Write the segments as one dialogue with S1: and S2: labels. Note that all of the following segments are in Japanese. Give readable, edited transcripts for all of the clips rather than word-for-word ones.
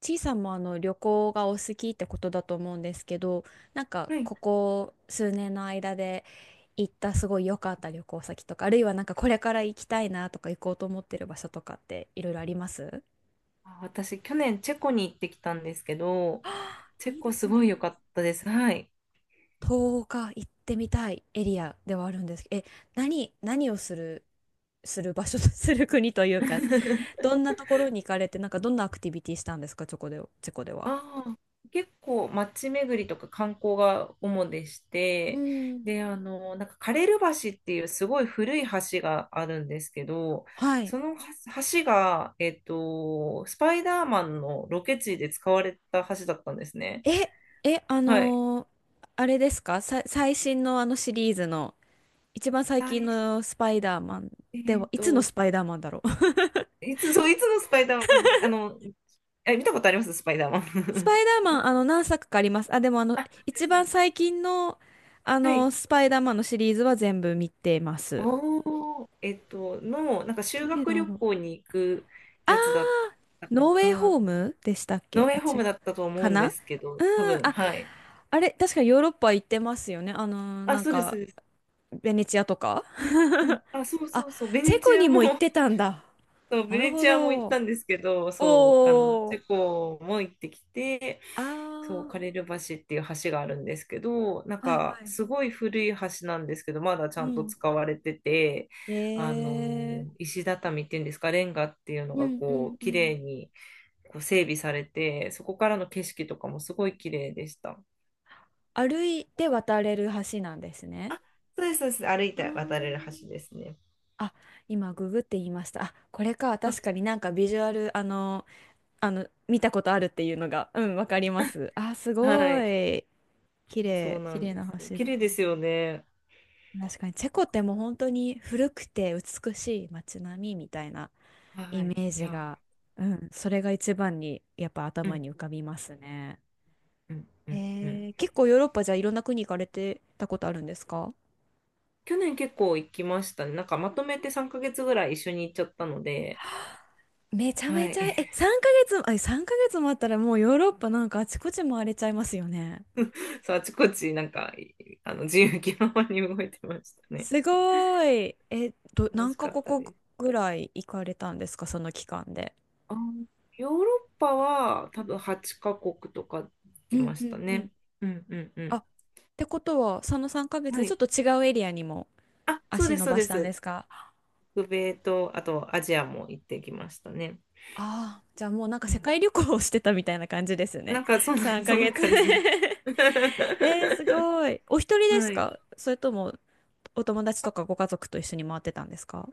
S1: ちいさんもあの旅行がお好きってことだと思うんですけど、なんか
S2: はい。
S1: ここ数年の間で行ったすごい良かった旅行先とか、あるいはなんかこれから行きたいなとか行こうと思ってる場所とかっていろいろあります？
S2: あ、私、去年チェコに行ってきたんですけど、
S1: あー
S2: チ
S1: い
S2: ェ
S1: いで
S2: コ
S1: す
S2: すごい良
S1: ね。
S2: かったです。はい。
S1: 東岡行ってみたいエリアではあるんですけど、何をする、する場所、する国というか、どんなところに行かれて、なんかどんなアクティビティしたんですか、チェコでは？
S2: ああ、結構街巡りとか観光が主でし
S1: う
S2: て、
S1: ん。
S2: で、あの、なんかカレル橋っていうすごい古い橋があるんですけど、
S1: はい。
S2: その橋が、スパイダーマンのロケ地で使われた橋だったんですね。
S1: え、え、あ
S2: はい。
S1: のーあれですかさ、最新のあのシリーズの、一番最近
S2: 対し
S1: のスパイダーマン？
S2: え
S1: では、
S2: っ
S1: いつの
S2: と、
S1: スパイダーマンだろう？
S2: そう、いつのスパイダーマン、あの、え、見たことありますスパイダーマ
S1: ス
S2: ン？
S1: パイ ダーマン、何作かあります。あ、でも
S2: あで
S1: 一
S2: すね
S1: 番最近の、
S2: はい。
S1: スパイダーマンのシリーズは全部見てます。
S2: おー、なんか修
S1: どれだ
S2: 学旅
S1: ろう？
S2: 行に行くやつだったか
S1: ノーウェイホ
S2: な。
S1: ームでしたっけ？
S2: ノ
S1: あ、
S2: 園ホー
S1: 違
S2: ム
S1: う。
S2: だったと思
S1: か
S2: うん
S1: な？
S2: ですけ
S1: う
S2: ど、多
S1: ー
S2: 分、
S1: あ、
S2: はい。
S1: あれ、確かヨーロッパ行ってますよね。
S2: あ、
S1: なん
S2: そうです、そ
S1: か、
S2: うです。
S1: ベネチアとか
S2: うん。あ、そうそ
S1: あ、
S2: うそう。ベ
S1: チ
S2: ネ
S1: ェコ
S2: チア
S1: に
S2: も、
S1: も行って たんだ。
S2: そう、
S1: な
S2: ベ
S1: る
S2: ネ
S1: ほ
S2: チアも行っ
S1: ど。
S2: たんですけど、そう、あの、
S1: お
S2: チ
S1: ー。
S2: ェコも行ってきて、そう、
S1: あ
S2: カレル橋っていう橋があるんですけど、なん
S1: ー、はい
S2: か
S1: は
S2: す
S1: い。
S2: ごい古い橋なんですけど、まだち
S1: う
S2: ゃんと
S1: ん。
S2: 使われてて、あ
S1: え
S2: の
S1: え。
S2: 石畳っていうんですか、レンガっていうの
S1: う
S2: が
S1: んう
S2: こ
S1: ん
S2: う、
S1: う
S2: 綺
S1: ん。
S2: 麗にこう整備されて、そこからの景色とかもすごい綺麗でした。
S1: 歩いて渡れる橋なんですね。
S2: そうです、そうです。歩い
S1: あ
S2: て渡れる橋
S1: ー。
S2: ですね。
S1: あ、今ググって言いました。あ、これか。確かになんかビジュアル、見たことあるっていうのが、うん、わかりま す。あ、す
S2: は
S1: ご
S2: い、
S1: い。
S2: そうな
S1: 綺
S2: ん
S1: 麗
S2: で
S1: な
S2: す。
S1: 橋
S2: 綺
S1: だ。
S2: 麗ですよね。
S1: 確かにチェコってもう本当に古くて美しい街並みみたいな
S2: は
S1: イメ
S2: い、
S1: ー
S2: い
S1: ジ
S2: や、
S1: が、うん、それが一番にやっぱ
S2: う
S1: 頭
S2: ん
S1: に浮かびますね。
S2: うんうんうん。
S1: 結構ヨーロッパじゃあいろんな国行かれてたことあるんですか？
S2: 去年結構行きましたね。なんかまとめて3ヶ月ぐらい一緒に行っちゃったので、
S1: めちゃめ
S2: は
S1: ち
S2: い。
S1: ゃ、3ヶ月、あ、3ヶ月もあったらもうヨーロッパなんかあちこち回れちゃいますよね。
S2: そう、あちこち、なんか、あの、自由気ままに動いてましたね。
S1: すごい。
S2: 楽
S1: 何
S2: し
S1: カ
S2: かった
S1: 国
S2: です。
S1: ぐらい行かれたんですかその期間で？
S2: あ、ヨーロッパは多分8カ国とか行
S1: う
S2: き
S1: ん
S2: ま
S1: う
S2: した
S1: んうん。
S2: ね。うんうん
S1: あ、
S2: う
S1: ってことは、その3ヶ
S2: ん。
S1: 月
S2: は
S1: でちょ
S2: い。
S1: っと違うエリアにも
S2: あ、そうで
S1: 足
S2: す、
S1: 伸
S2: そう
S1: ば
S2: で
S1: したんで
S2: す。
S1: すか？
S2: 北米と、あとアジアも行ってきましたね。
S1: ああ、じゃあもうなんか
S2: う
S1: 世
S2: ん。
S1: 界旅行をしてたみたいな感じです
S2: な
S1: ね。
S2: んか、
S1: 3
S2: そんな
S1: ヶ月
S2: 感じです。
S1: すごい。お一人で
S2: は
S1: す
S2: い。
S1: か？それともお友達とかご家族と一緒に回ってたんですか？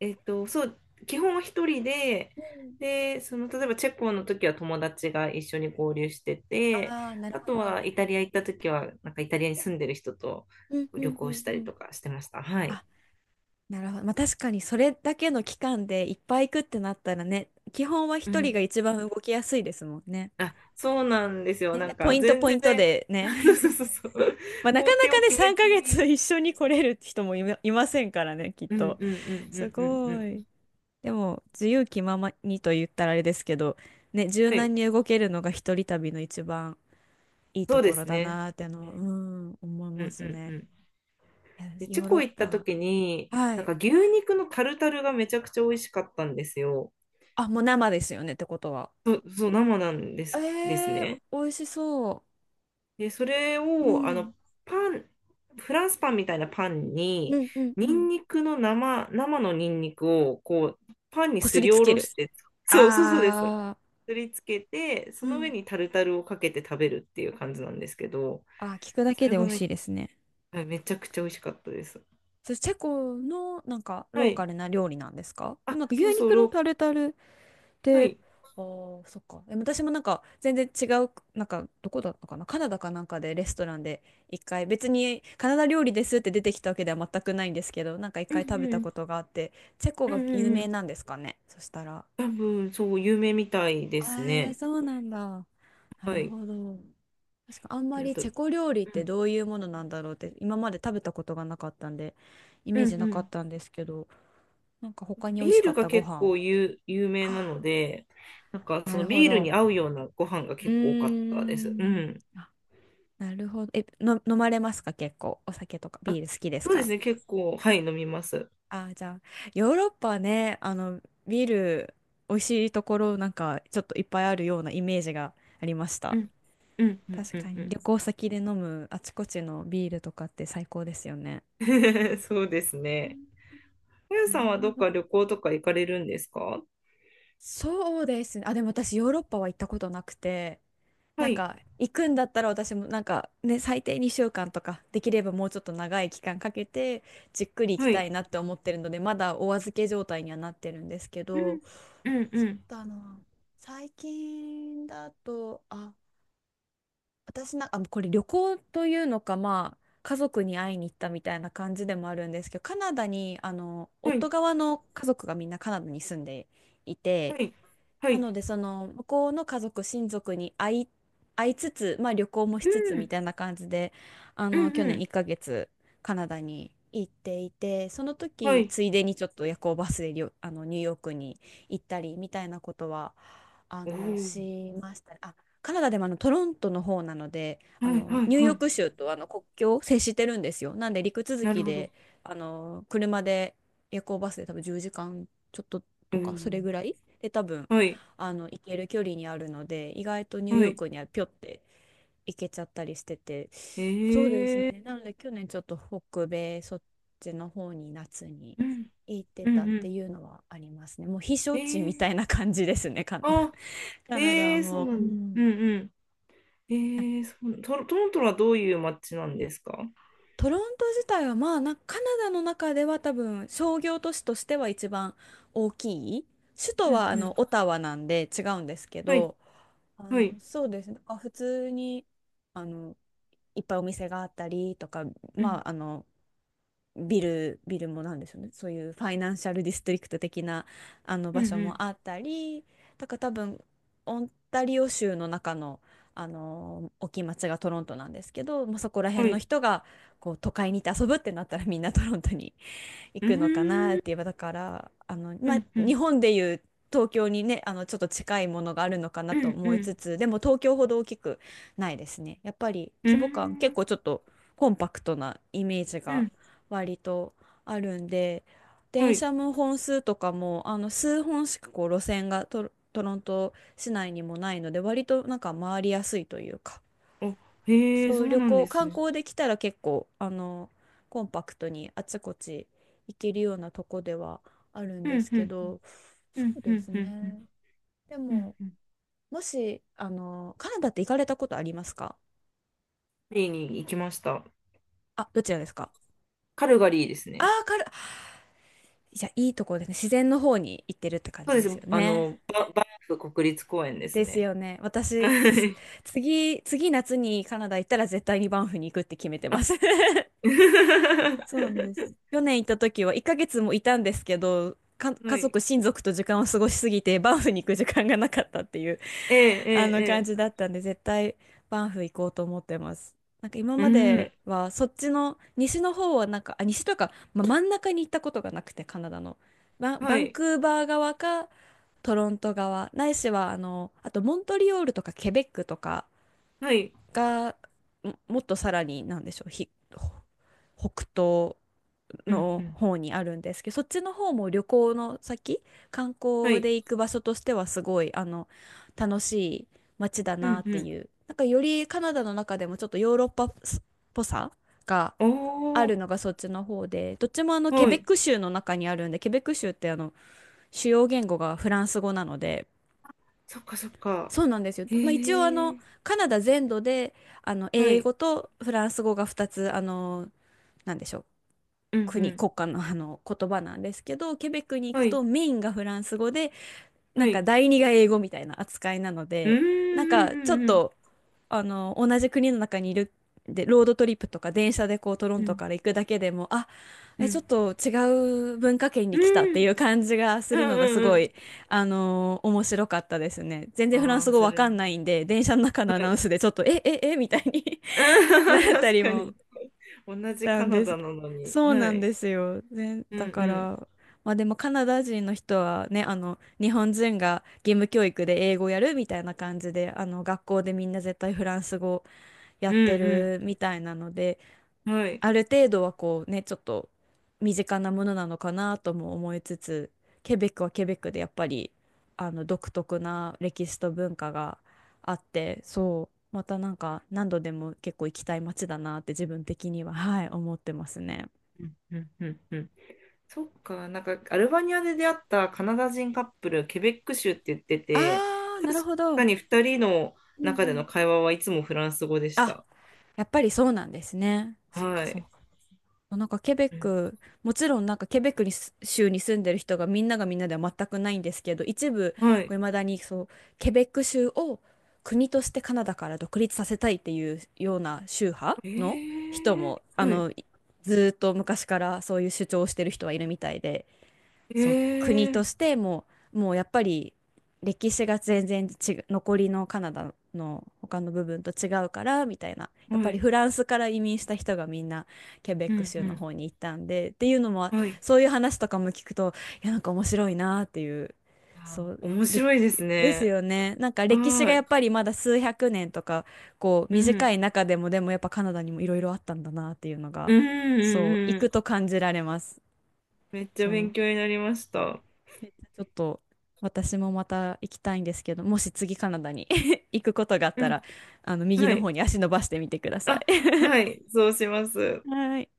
S2: そう、基本は一人で、
S1: うん。
S2: で、その、例えばチェコの時は友達が一緒に合流してて、
S1: ああー、なる
S2: あ
S1: ほ
S2: と
S1: ど。
S2: はイタリア行った時は、なんかイタリアに住んでる人と
S1: うんう
S2: 旅
S1: んう
S2: 行
S1: ん
S2: した
S1: う
S2: り
S1: ん。
S2: とかしてました。はい。
S1: あ、なるほど。まあ確かにそれだけの期間でいっぱい行くってなったらね、基本は
S2: う
S1: 一人
S2: ん。
S1: が一番動きやすいですもんね。
S2: あ、そうなんですよ。
S1: ね、
S2: な
S1: で
S2: ん
S1: ポ
S2: か
S1: イント
S2: 全
S1: ポイ
S2: 然、
S1: ントで
S2: そう
S1: ね。
S2: そう そうそう。
S1: まあな
S2: 工
S1: かな
S2: 程
S1: か
S2: を
S1: ね、
S2: 決め
S1: 3
S2: ず
S1: ヶ月
S2: に、
S1: 一緒に来れる人もいませんからね、きっ
S2: うん
S1: と。
S2: うんうんう
S1: す
S2: んうんう
S1: ごい。
S2: ん。
S1: でも、自由気ままにと言ったらあれですけど、ね、柔
S2: はい、
S1: 軟に動けるのが一人旅の一番いい
S2: そ
S1: と
S2: うで
S1: ころ
S2: す
S1: だ
S2: ね。
S1: なーっての、うん、思い
S2: う
S1: ま
S2: んう
S1: す
S2: んう
S1: ね。
S2: ん。
S1: いや
S2: で、チ
S1: ヨ
S2: ェ
S1: ーロ
S2: コ
S1: ッ
S2: 行った
S1: パ。
S2: 時に、
S1: は
S2: なん
S1: い。
S2: か牛肉のタルタルがめちゃくちゃ美味しかったんですよ。
S1: あ、もう生ですよね、ってことは。
S2: そう、そう、生なんです、ですね。
S1: 美味しそ
S2: で、それ
S1: う。う
S2: を、あの、
S1: ん。
S2: パン、フランスパンみたいなパン
S1: う
S2: に、
S1: んうんう
S2: ニ
S1: ん。
S2: ンニクの生、生のニンニクを、こう、パンに
S1: こす
S2: す
S1: り
S2: り
S1: つ
S2: お
S1: け
S2: ろ
S1: る。
S2: して、そうそうそうです。
S1: あ
S2: すりつけて、そ
S1: ー。う
S2: の上
S1: ん。
S2: にタルタルをかけて食べるっていう感じなんですけど、
S1: あー、聞くだ
S2: そ
S1: け
S2: れ
S1: で美
S2: が
S1: 味
S2: め、
S1: しいですね。
S2: はい、めちゃくちゃ美味しかったです。
S1: それチェコのなんか
S2: は
S1: ロー
S2: い。
S1: カルな料理なんですか？で
S2: あ、
S1: もなんか牛
S2: そうそう、
S1: 肉のタルタル
S2: は
S1: で、
S2: い。
S1: あー、そっか。でも私もなんか全然違う、なんかどこだったかな、カナダかなんかでレストランで一回、別にカナダ料理ですって出てきたわけでは全くないんですけど、なんか一
S2: う
S1: 回食
S2: ん
S1: べ
S2: う
S1: た
S2: ん、
S1: ことがあって、チェコ
S2: うん
S1: が
S2: う
S1: 有
S2: んう
S1: 名
S2: ん。
S1: なんですかね、そしたら。
S2: 多分、そう、有名みたいですね。
S1: そうなんだ。な
S2: は
S1: る
S2: い。
S1: ほど。確かあんま
S2: で、あ
S1: り
S2: と、う
S1: チェコ料理って
S2: ん、
S1: どういうものなんだろうって今まで食べたことがなかったんで、イ
S2: う
S1: メー
S2: ん
S1: ジな
S2: う
S1: かっ
S2: ん。
S1: たんですけど、なんか他に
S2: ビ
S1: 美味し
S2: ー
S1: か
S2: ル
S1: っ
S2: が
S1: たご
S2: 結構
S1: 飯？
S2: 有名なの
S1: あ、
S2: で、なんかそ
S1: なる
S2: の
S1: ほ
S2: ビール
S1: ど。
S2: に合うようなご飯が
S1: う
S2: 結構多かったで
S1: ー
S2: す。う
S1: ん。
S2: ん。
S1: なるほど。飲まれますか結構？お酒とかビ
S2: あ、
S1: ール好きです
S2: そうで
S1: か？
S2: すね、結構、はい、飲みます。
S1: あー、じゃあ、ヨーロッパはね、ビール、美味しいところなんか、ちょっといっぱいあるようなイメージがありまし
S2: う
S1: た。
S2: ん、うん、うん、
S1: 確
S2: う
S1: か
S2: ん、う
S1: に。
S2: ん。
S1: 旅行先で飲むあちこちのビールとかって最高ですよね。
S2: そうですね。あや
S1: な
S2: さん
S1: る
S2: はど
S1: ほ
S2: っ
S1: ど。
S2: か旅行とか行かれるんですか？
S1: そうですね。あ、でも私、ヨーロッパは行ったことなくて、な
S2: は
S1: ん
S2: い、
S1: か行くんだったら私もなんかね最低2週間とかできればもうちょっと長い期間かけてじっくり行き
S2: は
S1: た
S2: い。
S1: いなって思ってるのでまだお預け状態にはなってるんですけ
S2: うん、
S1: ど、
S2: うん、う
S1: そう
S2: ん。
S1: だな、最近だと、あ、私なんか、あ、これ旅行というのか、まあ家族に会いに行ったみたいな感じでもあるんですけど、カナダにあの
S2: は
S1: 夫
S2: い、
S1: 側の家族がみんなカナダに住んでい
S2: は
S1: て。
S2: い、は
S1: な
S2: い。
S1: ので、その、向こうの家族、親族に会いつつ、まあ旅行もし
S2: う
S1: つつみ
S2: ん、
S1: たいな感じで、
S2: う
S1: 去
S2: ん、う
S1: 年1
S2: ん。
S1: ヶ月、カナダに行っていて、その
S2: は
S1: 時、
S2: い。
S1: ついでにちょっと夜行バスでりょ、あの、ニューヨークに行ったり、みたいなことは、
S2: おー。
S1: しましたね。あ、カナダでもトロントの方なので、
S2: はい、はい、
S1: ニューヨ
S2: は
S1: ー
S2: い。
S1: ク州と国境を接してるんですよ。なんで、陸続
S2: なる
S1: き
S2: ほど。
S1: で、車で、夜行バスで多分10時間ちょっと
S2: お
S1: とか、そ
S2: ー。
S1: れぐらいで多分、
S2: はい、
S1: 行ける距離にあるので意外とニュー
S2: は
S1: ヨー
S2: い。
S1: クにはぴょって行けちゃったりしてて、そうです
S2: えー。
S1: ね、なので去年ちょっと北米そっちの方に夏に
S2: うん、
S1: 行って
S2: うん、
S1: たっ
S2: う
S1: て
S2: ん。
S1: いうのはありますね。もう避暑
S2: え
S1: 地み
S2: ー、
S1: たいな感じですね、
S2: あ、
S1: カナダは
S2: えー、そう
S1: も
S2: な
S1: う。う
S2: んだ。う
S1: ん。
S2: んうん。えー、そうトロントはどういう街なんですか？
S1: トロント自体はまあな、カナダの中では多分商業都市としては一番大きい。首都
S2: うん
S1: はあ
S2: う
S1: の
S2: ん。
S1: オタワなんで違うんですけ
S2: はい、
S1: ど、
S2: はい。
S1: そうですね。なんか普通に、あの、いっぱいお店があったりとか、
S2: う
S1: ま
S2: ん、
S1: あ、ビルもなんでしょうね。そういうファイナンシャルディストリクト的な、あの
S2: う
S1: 場
S2: ん、う
S1: 所
S2: ん。
S1: もあったり、だから多分、オンタリオ州の中の、大きい町がトロントなんですけど、まあ、そこら
S2: は
S1: 辺の
S2: い。
S1: 人が、こう、都会に行って遊ぶってなったらみんなトロントに行
S2: うー
S1: くのかなって言
S2: ん、
S1: えば、だから
S2: う
S1: まあ、
S2: ん、う
S1: 日
S2: ん、
S1: 本でいう東京にね、ちょっと近いものがあるのかな
S2: う
S1: と
S2: ん、
S1: 思
S2: う
S1: いつ
S2: ん、
S1: つ、でも東京ほど大きくないですね。やっぱり
S2: う
S1: 規模感結
S2: ん、
S1: 構ちょっとコンパクトなイメージ
S2: う
S1: が
S2: ん。
S1: 割とあるんで、
S2: は
S1: 電
S2: い。
S1: 車も本数とかも数本しかこう路線がトロント市内にもないので、割となんか回りやすいというか、
S2: あ、へえ、
S1: そ
S2: そ
S1: う、
S2: う
S1: 旅
S2: なん
S1: 行
S2: です
S1: 観
S2: ね。
S1: 光できたら結構コンパクトにあちこち行けるようなとこではあるん
S2: う
S1: で
S2: ん、
S1: す
S2: う
S1: け
S2: ん、
S1: ど、
S2: う
S1: そ
S2: ん、
S1: う
S2: う
S1: で
S2: ん、
S1: す
S2: うん、うん、
S1: ね、で
S2: うん。
S1: も
S2: うん、
S1: もしあのカナダって行かれたことありますか？
S2: カルガリーに行きました。
S1: あ、どちらですか？
S2: カルガリーです
S1: あ
S2: ね。
S1: あー、じゃあいいとこですね、自然の方に行ってるって感
S2: そう
S1: じ
S2: で
S1: で
S2: す。
S1: すよ
S2: あ
S1: ね。
S2: の、バンフ国立公園で
S1: で
S2: す
S1: す
S2: ね。
S1: よね、
S2: はい、
S1: 次夏にカナダ行ったら絶対にバンフに行くって決めてま
S2: あ。
S1: す。 そうなんです。去年行った時は1ヶ月もいたんですけど、
S2: は
S1: 家
S2: い。
S1: 族、親族と時間を過ごしすぎて、バンフに行く時間がなかったっていう
S2: ええ、
S1: あの感
S2: え
S1: じ
S2: え、
S1: だったんで、絶対バンフ行こうと思ってます。なんか今
S2: ええ。う
S1: まで
S2: ん。
S1: は、そっちの、西の方はなんか、西というか、真ん中に行ったことがなくて、カナダの。
S2: は
S1: バン
S2: い。
S1: クーバー側か、トロント側、ないしは、あとモントリオールとかケベックとか
S2: はい。
S1: が、もっとさらに、なんでしょう、ひ、北東
S2: うん、
S1: の
S2: うん。
S1: 方にあるんですけど、そっちの方も旅行の先、観
S2: は
S1: 光
S2: い。
S1: で行く場所としてはすごい、楽しい街だ
S2: う
S1: な
S2: ん、
S1: っ
S2: う
S1: て
S2: ん。
S1: いう。なんかよりカナダの中でもちょっとヨーロッパっぽさが
S2: お
S1: あ
S2: ー。
S1: るのがそっちの方で、どっちもあのケ
S2: は
S1: ベッ
S2: い。
S1: ク州の中にあるんで、ケベック州ってあの主要言語がフランス語なので、
S2: そっか、そっか。
S1: そうなんですよ。まあ、一応あ
S2: へ
S1: の
S2: え。
S1: カナダ全土であの
S2: は
S1: 英
S2: い。
S1: 語とフランス語が2つあのなんでしょう
S2: うん、うん。
S1: 国家のあの言葉なんですけど、ケベックに行く
S2: はい。
S1: とメインがフランス語で、な
S2: は
S1: んか
S2: い。
S1: 第二が英語みたいな扱いなの
S2: うん、
S1: で、なんかちょっ
S2: うん、うん、
S1: と、あの、同じ国の中にいるで、ロードトリップとか電車でこうトロ
S2: う
S1: ント
S2: ん。
S1: から行くだけでも、
S2: うん、う
S1: ちょ
S2: ん。
S1: っと違う文化圏
S2: う
S1: に来たってい
S2: ん、
S1: う感じがす
S2: う
S1: るの
S2: ん、
S1: がす
S2: うん。う
S1: ご
S2: ん、
S1: い、面白かったですね。全然フラン
S2: ああ
S1: ス
S2: ー、
S1: 語
S2: そ
S1: わ
S2: れ。
S1: かんないんで、電車の中のア
S2: は
S1: ナウン
S2: い。
S1: スでちょっと、みたいに
S2: あ
S1: な
S2: ー、
S1: った
S2: 確
S1: り
S2: か
S1: も
S2: に。同じ
S1: た
S2: カ
S1: ん
S2: ナ
S1: です。
S2: ダなのに。
S1: そう
S2: は
S1: なん
S2: い。
S1: ですよ。ね、
S2: うん、う
S1: だか
S2: ん。
S1: ら、まあでもカナダ人の人はね、あの、日本人が義務教育で英語やるみたいな感じで、あの、学校でみんな絶対フランス語や
S2: う
S1: って
S2: ん、
S1: るみたいなので、
S2: うん。はい。
S1: ある程度はこうね、ちょっと身近なものなのかなとも思いつつ、ケベックはケベックでやっぱりあの独特な歴史と文化があって、そう、またなんか何度でも結構行きたい街だなって自分的には、はい、思ってますね。
S2: うん、うん、うん、うん。そっか、なんかアルバニアで出会ったカナダ人カップル、ケベック州って言ってて、
S1: あー、な
S2: 確
S1: るほど。う
S2: か
S1: ん
S2: に2人の
S1: う
S2: 中で
S1: ん
S2: の会話はいつもフランス語でし
S1: あ、
S2: た。
S1: やっぱりそうなんですね。そっか
S2: は
S1: そっ
S2: い。
S1: なんかケベッ
S2: うん、
S1: ク、もちろんなんかケベックに州に住んでる人がみんながみんなでは全くないんですけど、一部、
S2: はい。
S1: こう未だにそう、ケベック州を国としてカナダから独立させたいっていうような宗派
S2: え
S1: の人
S2: ー、
S1: も、
S2: はい。
S1: ずーっと昔からそういう主張をしてる人はいるみたいで。
S2: え
S1: そう、国とし
S2: ー、
S1: てもうやっぱり歴史が全然違う、残りのカナダの他の部分と違うからみたいな、やっぱ
S2: は
S1: り
S2: い。
S1: フランスから移民した人がみんなケベッ
S2: う
S1: ク州の
S2: ん
S1: 方に行ったんでっていうのも、
S2: うん。はい。
S1: そういう話とかも聞くと、いや、なんか面白いなっていう、
S2: あ、
S1: そう、
S2: 面
S1: れ
S2: 白いです
S1: です
S2: ね。
S1: よね。なんか歴史
S2: は
S1: がや
S2: い。
S1: っぱりまだ数百年とか、こう
S2: う
S1: 短い
S2: ん。
S1: 中でも、でもやっぱカナダにもいろいろあったんだなっていうの
S2: う
S1: が、
S2: ん
S1: そう、
S2: う
S1: 行
S2: んう
S1: く
S2: ん。
S1: と感じられます。
S2: めっちゃ
S1: そ
S2: 勉
S1: う
S2: 強になりました。
S1: めっちゃちょっと私もまた行きたいんですけど、もし次カナダに 行くことがあっ
S2: う
S1: たら、
S2: ん。
S1: あの右
S2: は
S1: の方
S2: い。
S1: に足伸ばしてみてくださ
S2: あ、
S1: い。
S2: はい。そうします。
S1: はい。